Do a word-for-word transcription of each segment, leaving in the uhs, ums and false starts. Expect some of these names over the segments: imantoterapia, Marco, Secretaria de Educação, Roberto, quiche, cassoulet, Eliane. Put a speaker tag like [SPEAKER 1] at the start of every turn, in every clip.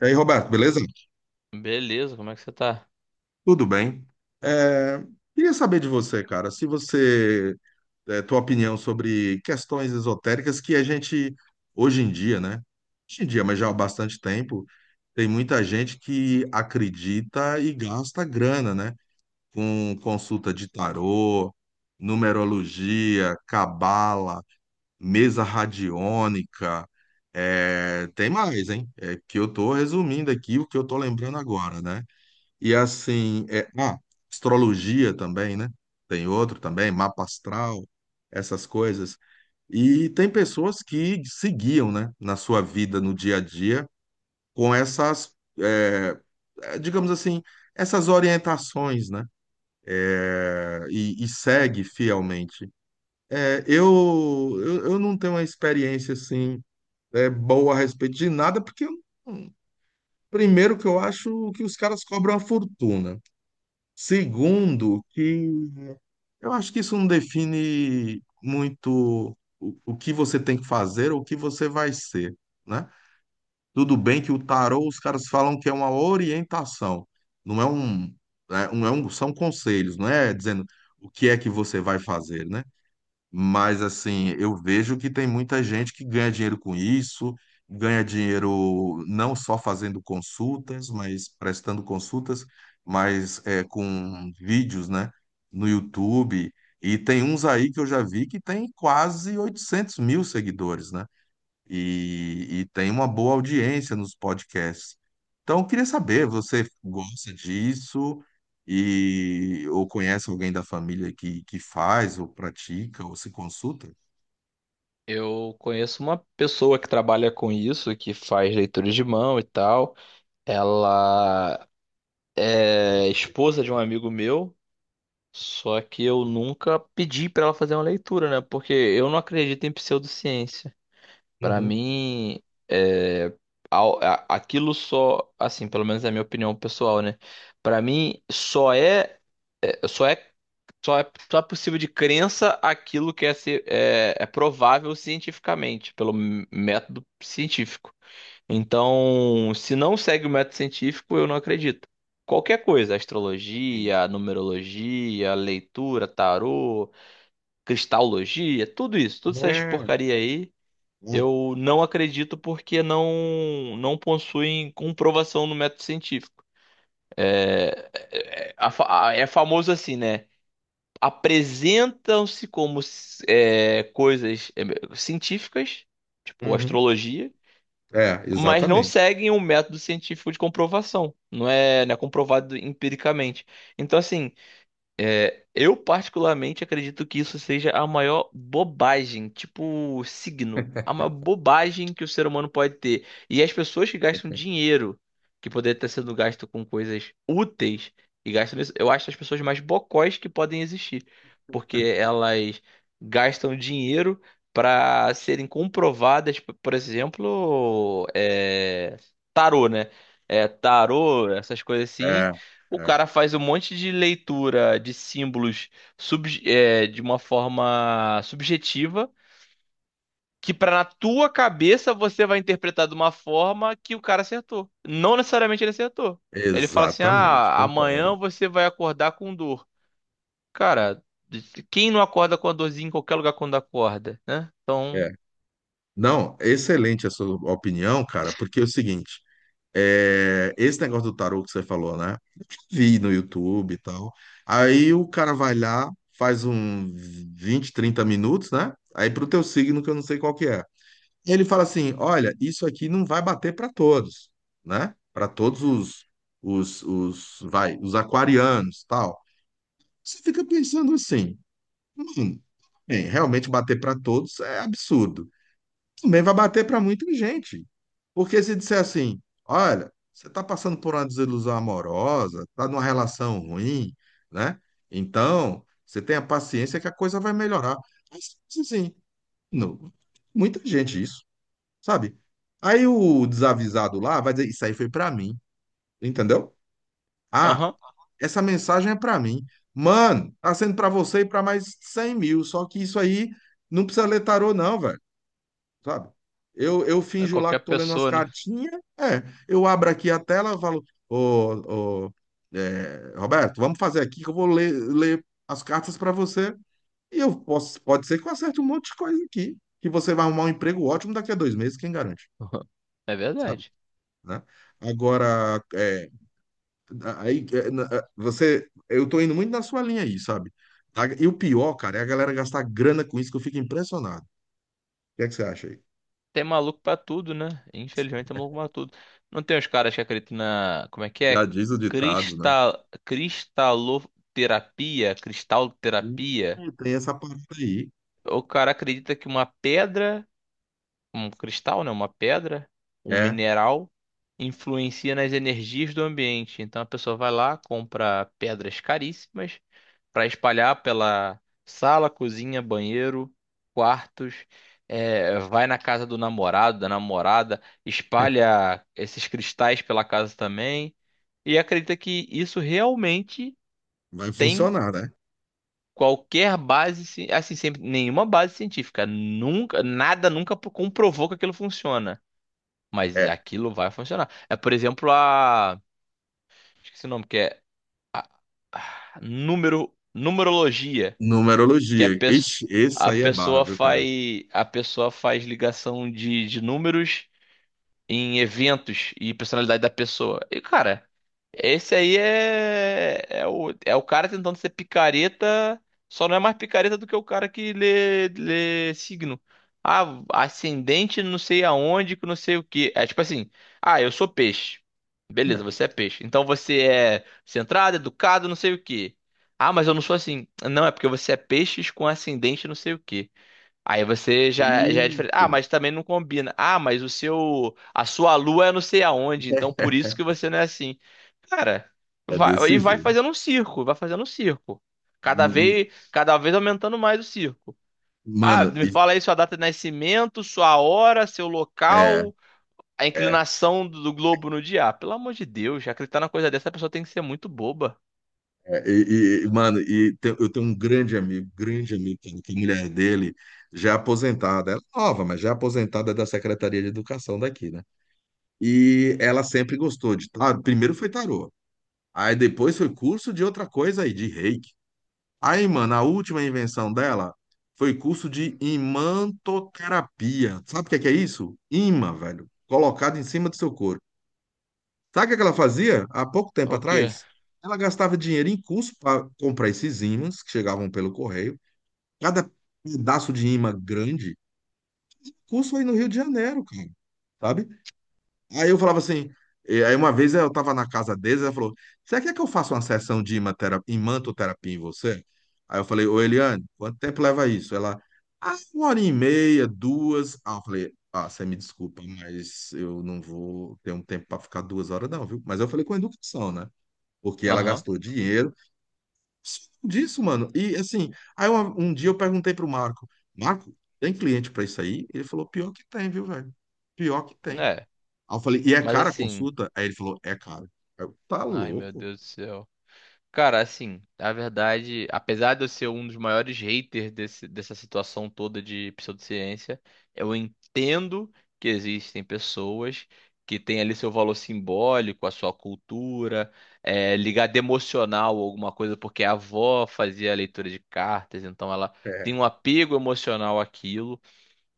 [SPEAKER 1] E aí, Roberto, beleza?
[SPEAKER 2] Beleza, como é que você tá?
[SPEAKER 1] Tudo bem? É, queria saber de você, cara, se você, é, tua opinião sobre questões esotéricas que a gente, hoje em dia, né? Hoje em dia, mas já há bastante tempo, tem muita gente que acredita e gasta grana, né? Com consulta de tarô, numerologia, cabala, mesa radiônica, é, tem mais, hein? É que eu tô resumindo aqui o que eu tô lembrando agora, né? E assim, é, ah, astrologia também, né? Tem outro também, mapa astral, essas coisas. E tem pessoas que seguiam, né, na sua vida, no dia a dia, com essas, é, é, digamos assim, essas orientações, né? É, e, e segue fielmente. É, eu, eu, eu não tenho uma experiência assim é, boa a respeito de nada, porque hum, primeiro que eu acho que os caras cobram uma fortuna. Segundo, que eu acho que isso não define muito o, o que você tem que fazer ou o que você vai ser, né? Tudo bem que o tarô, os caras falam que é uma orientação, não é um, é um, é um- são conselhos, não é dizendo o que é que você vai fazer, né? Mas assim, eu vejo que tem muita gente que ganha dinheiro com isso, ganha dinheiro não só fazendo consultas, mas prestando consultas, mas é, com vídeos, né, no YouTube. E tem uns aí que eu já vi que tem quase oitocentos mil seguidores, né? e, e tem uma boa audiência nos podcasts. Então, eu queria saber, você gosta disso e ou conhece alguém da família que, que faz ou pratica ou se consulta?
[SPEAKER 2] Eu conheço uma pessoa que trabalha com isso, que faz leitura de mão e tal. Ela é esposa de um amigo meu, só que eu nunca pedi pra ela fazer uma leitura, né? Porque eu não acredito em pseudociência. Pra
[SPEAKER 1] Uhum.
[SPEAKER 2] mim, é, a- a- aquilo só, assim, pelo menos é a minha opinião pessoal, né? Pra mim, só é É, Só é, só é, só é possível de crença aquilo que é, ci- é, é, provável cientificamente, pelo m- método científico. Então, se não segue o método científico, eu não acredito. Qualquer coisa,
[SPEAKER 1] Sim.
[SPEAKER 2] astrologia, numerologia, leitura, tarô, cristalogia, tudo isso, todas essas
[SPEAKER 1] É.
[SPEAKER 2] porcaria aí,
[SPEAKER 1] Hum.
[SPEAKER 2] eu não acredito porque não não possuem comprovação no método científico. É, é a fa- a- é famoso assim, né? Apresentam-se como é, coisas é, científicas, tipo
[SPEAKER 1] Uhum.
[SPEAKER 2] astrologia,
[SPEAKER 1] É,
[SPEAKER 2] mas não
[SPEAKER 1] exatamente.
[SPEAKER 2] seguem um método científico de comprovação. Não é, não é comprovado empiricamente. Então, assim, é, eu particularmente acredito que isso seja a maior bobagem, tipo signo, a maior bobagem que o ser humano pode ter. E as pessoas que gastam dinheiro, que poderia estar sendo gasto com coisas úteis, e gastam isso, eu acho as pessoas mais bocós que podem existir, porque elas gastam dinheiro para serem comprovadas, p- por exemplo, é, tarô, né? É, tarô, essas coisas assim.
[SPEAKER 1] É,
[SPEAKER 2] O
[SPEAKER 1] é,
[SPEAKER 2] cara faz um monte de leitura de símbolos sub- é, de uma forma subjetiva, que pra na tua cabeça você vai interpretar de uma forma que o cara acertou. Não necessariamente ele acertou. Ele fala assim:
[SPEAKER 1] exatamente,
[SPEAKER 2] ah,
[SPEAKER 1] concordo.
[SPEAKER 2] amanhã você vai acordar com dor. Cara, quem não acorda com a dorzinha em qualquer lugar quando acorda, né? Então,
[SPEAKER 1] É. Não, excelente a sua opinião, cara, porque é o seguinte. É, esse negócio do tarô que você falou, né? Vi no YouTube e tal. Aí o cara vai lá, faz um vinte, trinta minutos, né? Aí pro teu signo, que eu não sei qual que é. Ele fala assim: olha, isso aqui não vai bater para todos, né? Para todos os, os, os, vai, os aquarianos, tal. Você fica pensando assim, bem, realmente bater para todos é absurdo, também vai bater para muita gente. Porque se disser assim, olha, você está passando por uma desilusão amorosa, está numa relação ruim, né? Então, você tenha paciência que a coisa vai melhorar. Mas, assim, não, muita gente isso, sabe? Aí o desavisado lá vai dizer, isso aí foi para mim, entendeu? Ah,
[SPEAKER 2] aham,
[SPEAKER 1] essa mensagem é para mim. Mano, tá sendo para você e para mais cem mil, só que isso aí não precisa ler tarô não, velho, sabe? Eu, eu
[SPEAKER 2] é
[SPEAKER 1] finjo lá
[SPEAKER 2] qualquer
[SPEAKER 1] que tô lendo umas
[SPEAKER 2] pessoa, né?
[SPEAKER 1] cartinhas, é, eu abro aqui a tela, falo, ô, ô, é, Roberto, vamos fazer aqui que eu vou ler, ler as cartas para você, e eu posso, pode ser que eu acerte um monte de coisa aqui, que você vai arrumar um emprego ótimo daqui a dois meses, quem garante,
[SPEAKER 2] É
[SPEAKER 1] sabe?
[SPEAKER 2] verdade.
[SPEAKER 1] Né? Agora, é, aí, é, na- é, você, eu tô indo muito na sua linha aí, sabe? A- E o pior, cara, é a galera gastar grana com isso que eu fico impressionado. O que é que você acha aí?
[SPEAKER 2] Tem maluco pra tudo, né? Infelizmente tem maluco pra tudo. Não tem os caras que acreditam na... Como é que
[SPEAKER 1] Já
[SPEAKER 2] é?
[SPEAKER 1] diz o ditado, né?
[SPEAKER 2] Cristal... Cristaloterapia?
[SPEAKER 1] Hum,
[SPEAKER 2] Cristalterapia?
[SPEAKER 1] Tem essa parte aí.
[SPEAKER 2] O cara acredita que uma pedra, um cristal, né, uma pedra, um
[SPEAKER 1] É,
[SPEAKER 2] mineral, influencia nas energias do ambiente. Então a pessoa vai lá, compra pedras caríssimas para espalhar pela sala, cozinha, banheiro, quartos. É, vai na casa do namorado, da namorada, espalha esses cristais pela casa também e acredita que isso realmente
[SPEAKER 1] vai
[SPEAKER 2] tem
[SPEAKER 1] funcionar, né?
[SPEAKER 2] qualquer base, ci- assim, sempre, nenhuma base científica, nunca, nada nunca comprovou que aquilo funciona. Mas
[SPEAKER 1] É.
[SPEAKER 2] aquilo vai funcionar. É, por exemplo, a... Esqueci o nome, que é número... numerologia, que é
[SPEAKER 1] Numerologia.
[SPEAKER 2] pes-
[SPEAKER 1] Ixi, esse
[SPEAKER 2] a
[SPEAKER 1] aí é barra,
[SPEAKER 2] pessoa
[SPEAKER 1] viu, cara?
[SPEAKER 2] faz a pessoa faz ligação de, de números em eventos e personalidade da pessoa. E, cara, esse aí é, é o, é o cara tentando ser picareta, só não é mais picareta do que o cara que lê, lê signo. Ah, ascendente não sei aonde, que não sei o que É tipo assim, ah, eu sou peixe. Beleza,
[SPEAKER 1] É.
[SPEAKER 2] você é peixe. Então você é centrado, educado, não sei o que Ah, mas eu não sou assim. Não, é porque você é peixes com ascendente não sei o que Aí você já, já é diferente. Ah,
[SPEAKER 1] Isso.
[SPEAKER 2] mas também não combina. Ah, mas o seu, a sua lua é não sei aonde, então por isso que você não é assim. Cara,
[SPEAKER 1] É
[SPEAKER 2] vai,
[SPEAKER 1] desse
[SPEAKER 2] e vai
[SPEAKER 1] jeito.
[SPEAKER 2] fazendo um circo, vai fazendo um circo. Cada
[SPEAKER 1] Hum,
[SPEAKER 2] vez, cada vez aumentando mais o circo. Ah,
[SPEAKER 1] Mano,
[SPEAKER 2] me
[SPEAKER 1] e,
[SPEAKER 2] fala aí sua data de nascimento, sua hora, seu
[SPEAKER 1] é,
[SPEAKER 2] local, a
[SPEAKER 1] é,
[SPEAKER 2] inclinação do, do globo no dia. Ah, pelo amor de Deus, já acreditar na coisa dessa, a pessoa tem que ser muito boba.
[SPEAKER 1] é, e, e- mano, e te- eu tenho um grande amigo, grande amigo, cara, que a mulher dele já é aposentada, ela é nova, mas já é aposentada da Secretaria de Educação daqui, né? E ela sempre gostou de tarô. Primeiro foi tarô, aí depois foi curso de outra coisa aí, de reiki. Aí, mano, a última invenção dela foi curso de imantoterapia. Sabe o que é que é isso? Imã, velho, colocado em cima do seu corpo. Sabe o que é que ela fazia há pouco tempo
[SPEAKER 2] O quê?
[SPEAKER 1] atrás? Ela gastava dinheiro em curso para comprar esses ímãs que chegavam pelo correio. Cada pedaço de imã grande, curso aí no Rio de Janeiro, cara, sabe? Aí eu falava assim, e aí uma vez eu tava na casa deles, ela falou, você quer que eu faça uma sessão de imatera- imantoterapia em você? Aí eu falei, ô Eliane, quanto tempo leva isso? Ela, ah, uma hora e meia, duas. Ah, eu falei, ah, você me desculpa, mas eu não vou ter um tempo para ficar duas horas não, viu? Mas eu falei com educação, né? Porque ela
[SPEAKER 2] Aham.
[SPEAKER 1] gastou dinheiro. Disso, mano. E assim, aí uma- um, dia eu perguntei pro Marco, Marco, tem cliente para isso aí? Ele falou, pior que tem, viu, velho? Pior que tem.
[SPEAKER 2] É,
[SPEAKER 1] Aí eu falei, e é
[SPEAKER 2] mas
[SPEAKER 1] cara a
[SPEAKER 2] assim,
[SPEAKER 1] consulta? Aí ele falou, é caro. Aí eu, tá
[SPEAKER 2] ai meu
[SPEAKER 1] louco?
[SPEAKER 2] Deus do céu. Cara, assim, a verdade, apesar de eu ser um dos maiores haters desse- dessa situação toda de pseudociência, eu entendo que existem pessoas que têm ali seu valor simbólico, a sua cultura, é, ligada emocional ou alguma coisa, porque a avó fazia leitura de cartas, então ela tem
[SPEAKER 1] É,
[SPEAKER 2] um apego emocional àquilo.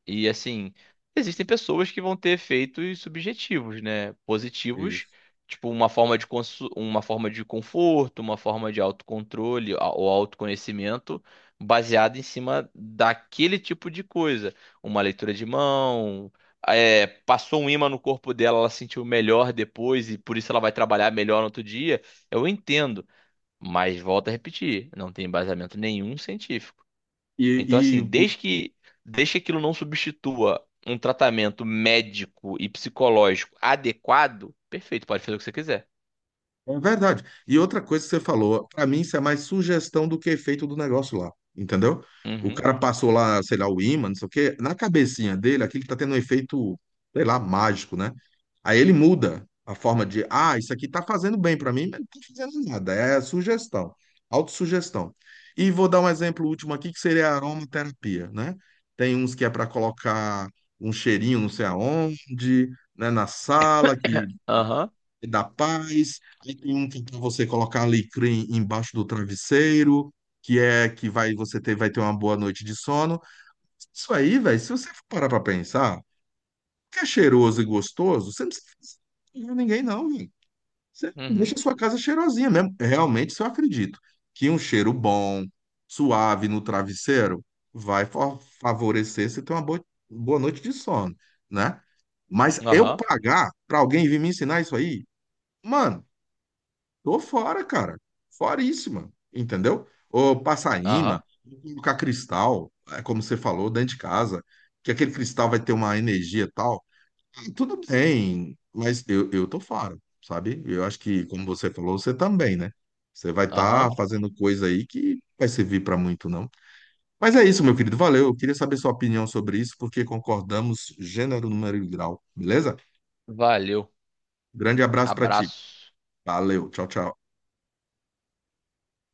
[SPEAKER 2] E assim, existem pessoas que vão ter efeitos subjetivos, né? Positivos,
[SPEAKER 1] isso.
[SPEAKER 2] tipo uma forma de consu- uma forma de conforto, uma forma de autocontrole a- ou autoconhecimento baseado em cima daquele tipo de coisa. Uma leitura de mão, é, passou um ímã no corpo dela, ela sentiu melhor depois e por isso ela vai trabalhar melhor no outro dia. Eu entendo, mas volto a repetir, não tem embasamento nenhum científico. Então,
[SPEAKER 1] E,
[SPEAKER 2] assim,
[SPEAKER 1] e
[SPEAKER 2] desde que, desde que aquilo não substitua um tratamento médico e psicológico adequado, perfeito, pode fazer o que você quiser.
[SPEAKER 1] É verdade. E outra coisa que você falou, para mim isso é mais sugestão do que efeito do negócio lá, entendeu? O
[SPEAKER 2] Uhum.
[SPEAKER 1] cara passou lá, sei lá, o ímã, não sei o quê, na cabecinha dele, aquilo tá tendo um efeito, sei lá, mágico, né? Aí ele muda a forma de, ah, isso aqui tá fazendo bem para mim, mas não tá fazendo nada, é sugestão, autossugestão. E vou dar um exemplo último aqui, que seria a aromaterapia, né? Tem uns que é para colocar um cheirinho não sei aonde, né, na sala, que
[SPEAKER 2] Aham.
[SPEAKER 1] e da paz, aí tem um que é pra você colocar alecrim embaixo do travesseiro, que é que vai você ter, vai ter uma boa noite de sono. Isso aí, velho, se você for parar pra pensar, que é cheiroso e gostoso, você não precisa enganar ninguém, não, velho. Você deixa
[SPEAKER 2] Uhum.
[SPEAKER 1] a sua casa cheirosinha mesmo. Realmente, isso eu acredito. Que um cheiro bom, suave no travesseiro vai fa- favorecer você ter uma boa, boa noite de sono, né? Mas
[SPEAKER 2] Aham.
[SPEAKER 1] eu
[SPEAKER 2] Aham.
[SPEAKER 1] pagar pra alguém vir me ensinar isso aí, mano. Tô fora, cara. Foríssima, entendeu? Ou Passaíma,
[SPEAKER 2] Aham.
[SPEAKER 1] colocar cristal, é como você falou, dentro de casa, que aquele cristal vai ter uma energia e tal. ah, Tudo bem, mas eu, eu tô fora, sabe? Eu acho que, como você falou, você também, né? Você vai
[SPEAKER 2] Aham.
[SPEAKER 1] estar fazendo coisa aí que vai servir pra muito, não. Mas é isso, meu querido. Valeu. Eu queria saber sua opinião sobre isso, porque concordamos gênero, número e grau, beleza?
[SPEAKER 2] Valeu.
[SPEAKER 1] Grande abraço pra ti.
[SPEAKER 2] Abraço.
[SPEAKER 1] Valeu. Tchau, tchau.